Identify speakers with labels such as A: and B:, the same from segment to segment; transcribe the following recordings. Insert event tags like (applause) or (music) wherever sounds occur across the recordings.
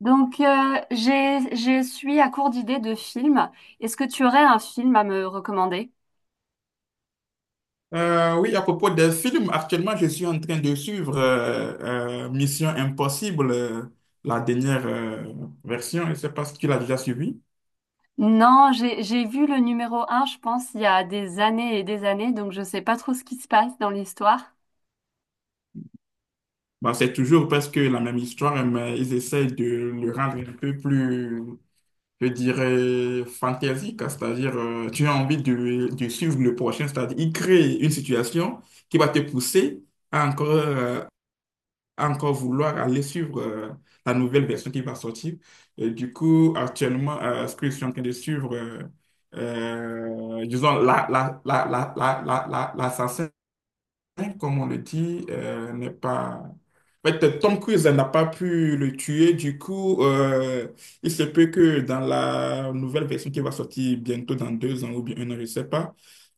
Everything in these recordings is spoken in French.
A: Je suis à court d'idées de films. Est-ce que tu aurais un film à me recommander?
B: Oui, à propos des films, actuellement, je suis en train de suivre Mission Impossible, la dernière version. Je ne sais pas si tu l'as déjà suivi.
A: Non, j'ai vu le numéro un, je pense, il y a des années et des années, donc je sais pas trop ce qui se passe dans l'histoire.
B: Bon, c'est toujours presque la même histoire, mais ils essayent de le rendre un peu plus, je dirais, fantaisique. C'est-à-dire, tu as envie de suivre le prochain. C'est-à-dire, ils créent une situation qui va te pousser à encore encore vouloir aller suivre la nouvelle version qui va sortir. Et du coup, actuellement, ce que je suis en train de suivre, disons, la, la, comme on le dit, n'est pas... En fait, Tom Cruise n'a pas pu le tuer, du coup, il se peut que dans la nouvelle version qui va sortir bientôt dans deux ans ou bien un an, je ne sais pas,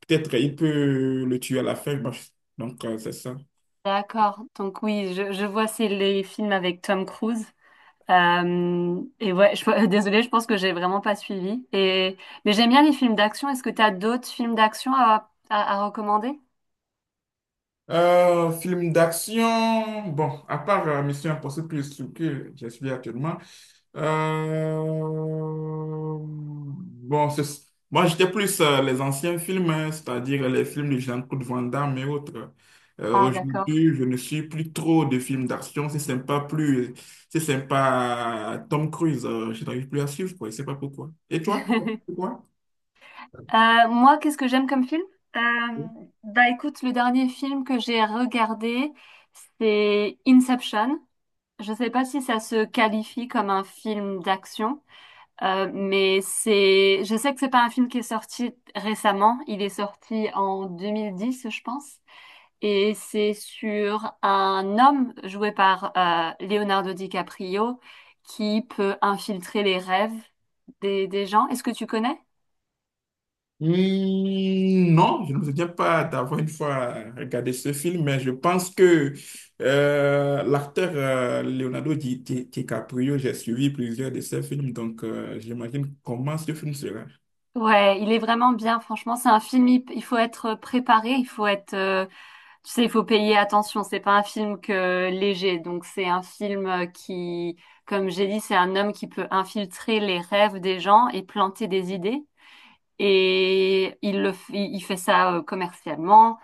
B: peut-être il peut le tuer à la fin. Donc, c'est ça.
A: D'accord. Donc oui, je vois, c'est les films avec Tom Cruise. Et ouais, je, (laughs) désolée, je pense que j'ai vraiment pas suivi. Mais j'aime bien les films d'action. Est-ce que tu as d'autres films d'action à recommander?
B: Film d'action, bon, à part Mission Impossible plus ce que j'ai suivi actuellement, bon, moi j'étais plus les anciens films, hein, c'est-à-dire les films de Jean-Claude Van Damme et autres.
A: Ah, d'accord.
B: Aujourd'hui, je ne suis plus trop de films d'action, c'est sympa plus, c'est sympa Tom Cruise, je n'arrive plus à suivre, quoi, je sais pas pourquoi. Et toi?
A: (laughs)
B: Pourquoi?
A: Moi, qu'est-ce que j'aime comme film? Euh, Bah écoute, le dernier film que j'ai regardé, c'est Inception. Je ne sais pas si ça se qualifie comme un film d'action, mais c'est, je sais que c'est pas un film qui est sorti récemment. Il est sorti en 2010, je pense, et c'est sur un homme joué par Leonardo DiCaprio qui peut infiltrer les rêves des gens. Est-ce que tu connais?
B: Hmm, non, je ne me souviens pas d'avoir une fois regardé ce film, mais je pense que l'acteur Leonardo DiCaprio, j'ai suivi plusieurs de ses films, donc j'imagine comment ce film sera.
A: Ouais, il est vraiment bien, franchement, c'est un film, il faut être préparé, tu sais, il faut payer attention, c'est pas un film que léger, donc c'est un film comme j'ai dit, c'est un homme qui peut infiltrer les rêves des gens et planter des idées, et il fait ça commercialement,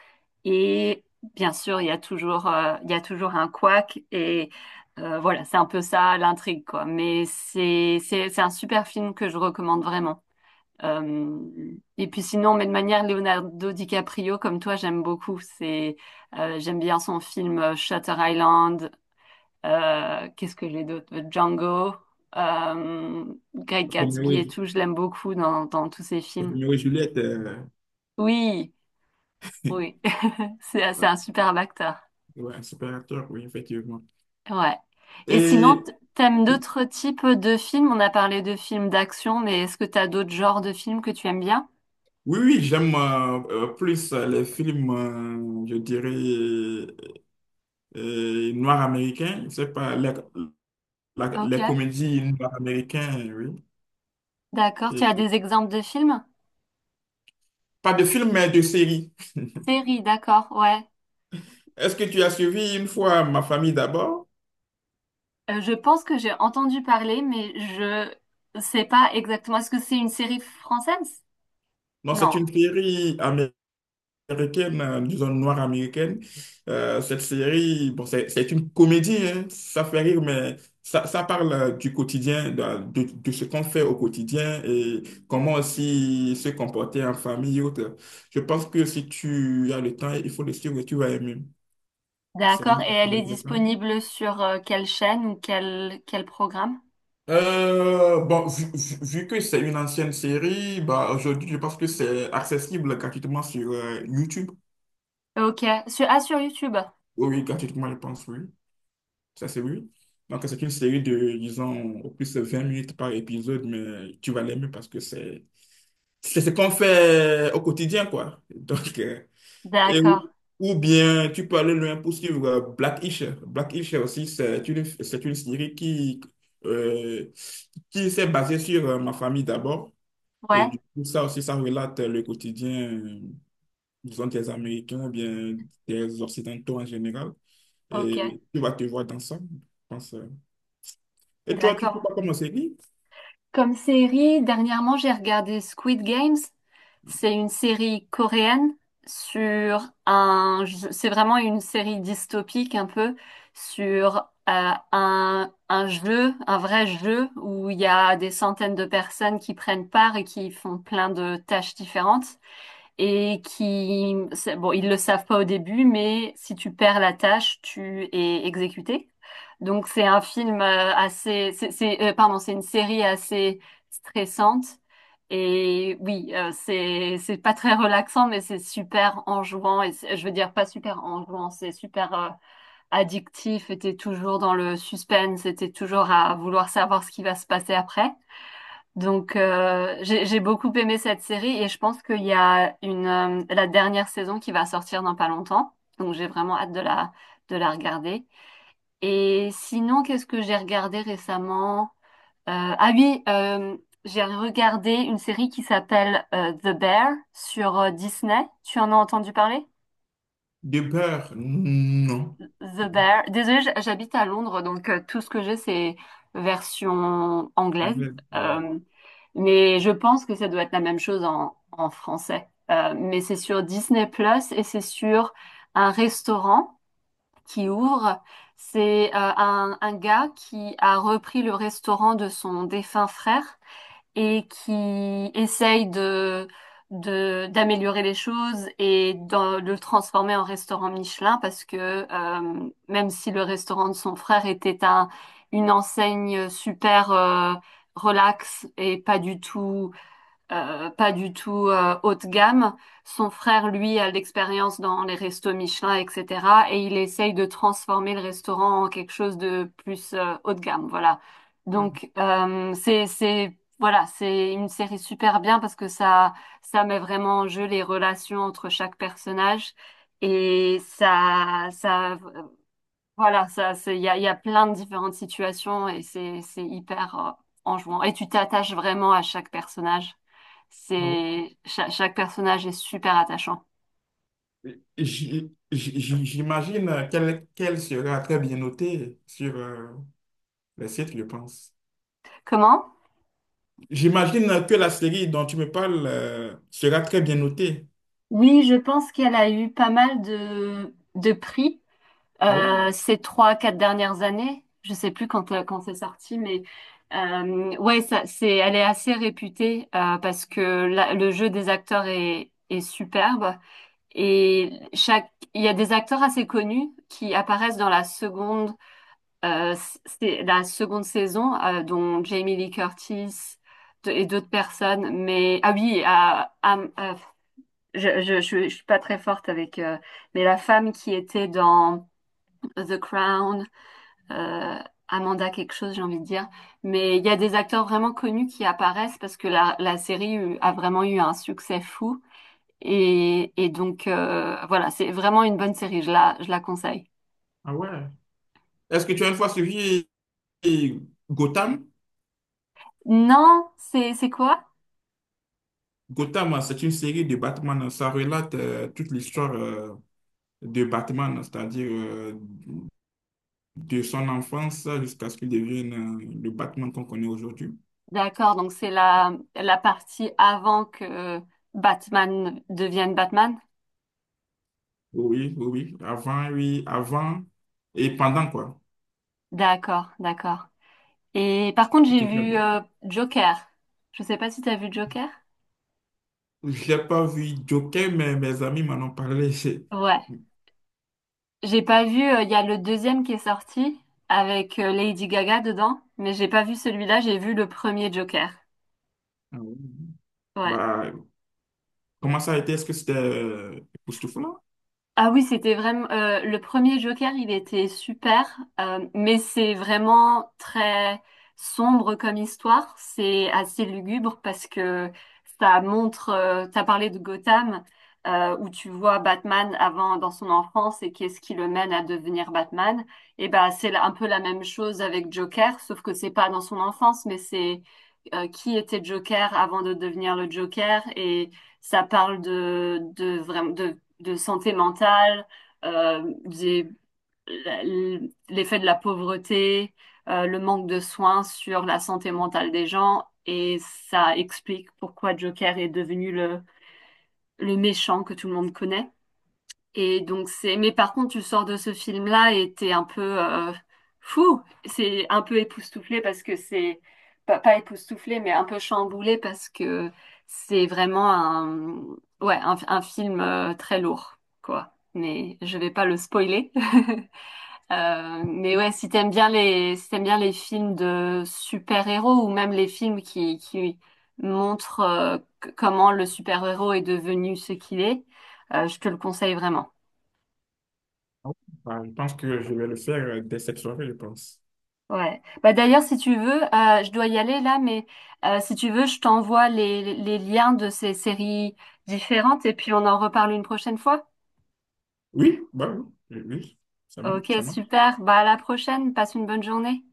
A: et bien sûr, il y a toujours un couac, et voilà, c'est un peu ça l'intrigue, quoi, mais c'est un super film que je recommande vraiment. Euh, et puis sinon, mais de manière Leonardo DiCaprio, comme toi, j'aime beaucoup. J'aime bien son film Shutter Island. Qu'est-ce que j'ai d'autre? Django, euh, Great
B: Roméo
A: Gatsby
B: et,
A: et
B: Ju-
A: tout. Je l'aime beaucoup dans tous ses films.
B: Roméo et Juliette,
A: Oui,
B: (laughs)
A: oui, (laughs) c'est
B: ouais,
A: un superbe acteur.
B: ouais, un super acteur, oui, effectivement.
A: Ouais. Et sinon,
B: Et
A: t'aimes d'autres types de films? On a parlé de films d'action, mais est-ce que t'as d'autres genres de films que tu aimes bien?
B: oui, j'aime plus les films, je dirais, noirs américains, je sais pas,
A: Ok,
B: les comédies noires américaines, oui.
A: d'accord. Tu
B: Et
A: as des exemples de films?
B: Pas de film, mais de série. (laughs)
A: Série, d'accord, ouais.
B: Est-ce que tu as suivi une fois Ma famille d'abord?
A: Je pense que j'ai entendu parler, mais je sais pas exactement. Est-ce que c'est une série française?
B: Non, c'est
A: Non.
B: une série américaine, disons noire américaine. Cette série, bon, c'est une comédie, hein. Ça fait rire, mais ça parle du quotidien, de ce qu'on fait au quotidien et comment aussi se comporter en famille et autres. Je pense que si tu as le temps, il faut le suivre, tu vas aimer. C'est
A: D'accord. Et elle est
B: intéressant.
A: disponible sur quelle chaîne ou quel programme?
B: Bon, vu que c'est une ancienne série, bah, aujourd'hui, je pense que c'est accessible gratuitement sur YouTube.
A: Ok. Sur, ah, sur YouTube.
B: Oui, oui, gratuitement, je pense, oui. Ça, c'est oui. Donc, c'est une série de, disons, au plus de 20 minutes par épisode, mais tu vas l'aimer parce que c'est ce qu'on fait au quotidien, quoi. Donc, et
A: D'accord.
B: ou ou bien, tu peux aller loin pour suivre Black-ish. Black-ish aussi, c'est une série euh, qui s'est basée sur ma famille d'abord. Et
A: Ouais.
B: du coup, ça aussi, ça relate le quotidien, disons, des Américains ou bien des Occidentaux en général.
A: Ok.
B: Et tu vas te voir dans ça, je pense. Et toi, tu ne peux
A: D'accord.
B: pas commencer lire?
A: Comme série, dernièrement, j'ai regardé Squid Games. C'est une série coréenne sur un... C'est vraiment une série dystopique un peu sur un jeu, un vrai jeu où il y a des centaines de personnes qui prennent part et qui font plein de tâches différentes et qui... Bon, ils le savent pas au début, mais si tu perds la tâche, tu es exécuté. Donc c'est un film pardon, c'est une série assez stressante. Et oui, c'est pas très relaxant, mais c'est super enjouant. Et je veux dire pas super enjouant, c'est super addictif. Et t'es toujours dans le suspense, et t'es toujours à vouloir savoir ce qui va se passer après. Donc j'ai beaucoup aimé cette série et je pense qu'il y a une la dernière saison qui va sortir dans pas longtemps. Donc j'ai vraiment hâte de la regarder. Et sinon, qu'est-ce que j'ai regardé récemment? Euh, ah oui, euh, j'ai regardé une série qui s'appelle The Bear sur Disney. Tu en as entendu parler?
B: De beurre, non.
A: The Bear. Désolée, j'habite à Londres, donc tout ce que j'ai, c'est version anglaise.
B: Anglais, ouais.
A: Euh, mais je pense que ça doit être la même chose en français. Mais c'est sur Disney Plus et c'est sur un restaurant qui ouvre. C'est un gars qui a repris le restaurant de son défunt frère et qui essaye d'améliorer les choses et de le transformer en restaurant Michelin parce que même si le restaurant de son frère était un, une enseigne super relax et pas du tout haut de gamme. Son frère, lui, a de l'expérience dans les restos Michelin, etc. Et il essaye de transformer le restaurant en quelque chose de plus haut de gamme. Voilà.
B: Ah
A: Donc c'est voilà, c'est une série super bien parce que ça met vraiment en jeu les relations entre chaque personnage et ça ça voilà, ça, c'est, il y a plein de différentes situations et c'est hyper enjouant. Et tu t'attaches vraiment à chaque personnage.
B: ouais.
A: Chaque personnage est super attachant.
B: J- j- J'imagine qu'elle sera très bien notée sur le site, je pense.
A: Comment?
B: J'imagine que la série dont tu me parles sera très bien notée.
A: Oui, je pense qu'elle a eu pas mal de prix
B: Ah ouais?
A: ces trois, quatre dernières années. Je sais plus quand, quand c'est sorti, mais ouais, elle est assez réputée parce que le jeu des acteurs est superbe. Et il y a des acteurs assez connus qui apparaissent dans la seconde, euh, c'est la seconde saison, dont Jamie Lee Curtis et d'autres personnes. Mais ah oui, je suis pas très forte avec, mais la femme qui était dans The Crown, euh, Amanda quelque chose, j'ai envie de dire. Mais il y a des acteurs vraiment connus qui apparaissent parce que la série a vraiment eu un succès fou. Et donc, voilà, c'est vraiment une bonne série, je la conseille.
B: Ah ouais. Est-ce que tu as une fois suivi euh, Gotham?
A: Non, c'est quoi?
B: Gotham, hein, c'est une série de Batman. Ça relate toute l'histoire de Batman, c'est-à-dire de son enfance jusqu'à ce qu'il devienne le Batman qu'on connaît aujourd'hui.
A: D'accord, donc c'est la partie avant que Batman devienne Batman.
B: Oui, oui, oui. Avant, oui, avant et pendant, quoi.
A: D'accord, d'accord. Et par contre,
B: C'est
A: j'ai
B: une très
A: vu
B: bonne.
A: Joker. Je sais pas si t'as vu Joker?
B: J'ai pas vu Joker, mais mes amis m'en ont parlé. (laughs)
A: Ouais. J'ai pas vu, il y a le deuxième qui est sorti avec Lady Gaga dedans, mais j'ai pas vu celui-là, j'ai vu le premier Joker.
B: Ah ouais.
A: Ouais.
B: Bah, comment ça a été? Est-ce que c'était époustouflant?
A: Ah oui, c'était vraiment le premier Joker, il était super, mais c'est vraiment très sombre comme histoire. C'est assez lugubre parce que ça montre. T'as parlé de Gotham, où tu vois Batman avant dans son enfance et qu'est-ce qui le mène à devenir Batman. Et ben c'est un peu la même chose avec Joker, sauf que c'est pas dans son enfance, mais c'est qui était Joker avant de devenir le Joker et ça parle de vraiment de santé mentale, euh, des- l'effet de la pauvreté, le manque de soins sur la santé mentale des gens, et ça explique pourquoi Joker est devenu le méchant que tout le monde connaît. Et donc mais par contre, tu sors de ce film-là et t'es un peu fou. C'est un peu époustouflé parce que c'est pas, pas époustouflé, mais un peu chamboulé parce que c'est vraiment ouais, un film très lourd, quoi. Mais je vais pas le spoiler. (laughs) Mais ouais, si t'aimes bien les films de super-héros ou même les films qui montrent comment le super-héros est devenu ce qu'il est, je te le conseille vraiment.
B: Ah oui. Bah, je pense que je vais le faire dès cette soirée, je pense.
A: Ouais. Bah d'ailleurs, si tu veux, je dois y aller là, mais si tu veux, je t'envoie les liens de ces séries différentes et puis on en reparle une prochaine fois.
B: Oui, bah oui, oui, oui, c'est bon,
A: Ok,
B: ça marche.
A: super. Bah à la prochaine. Passe une bonne journée.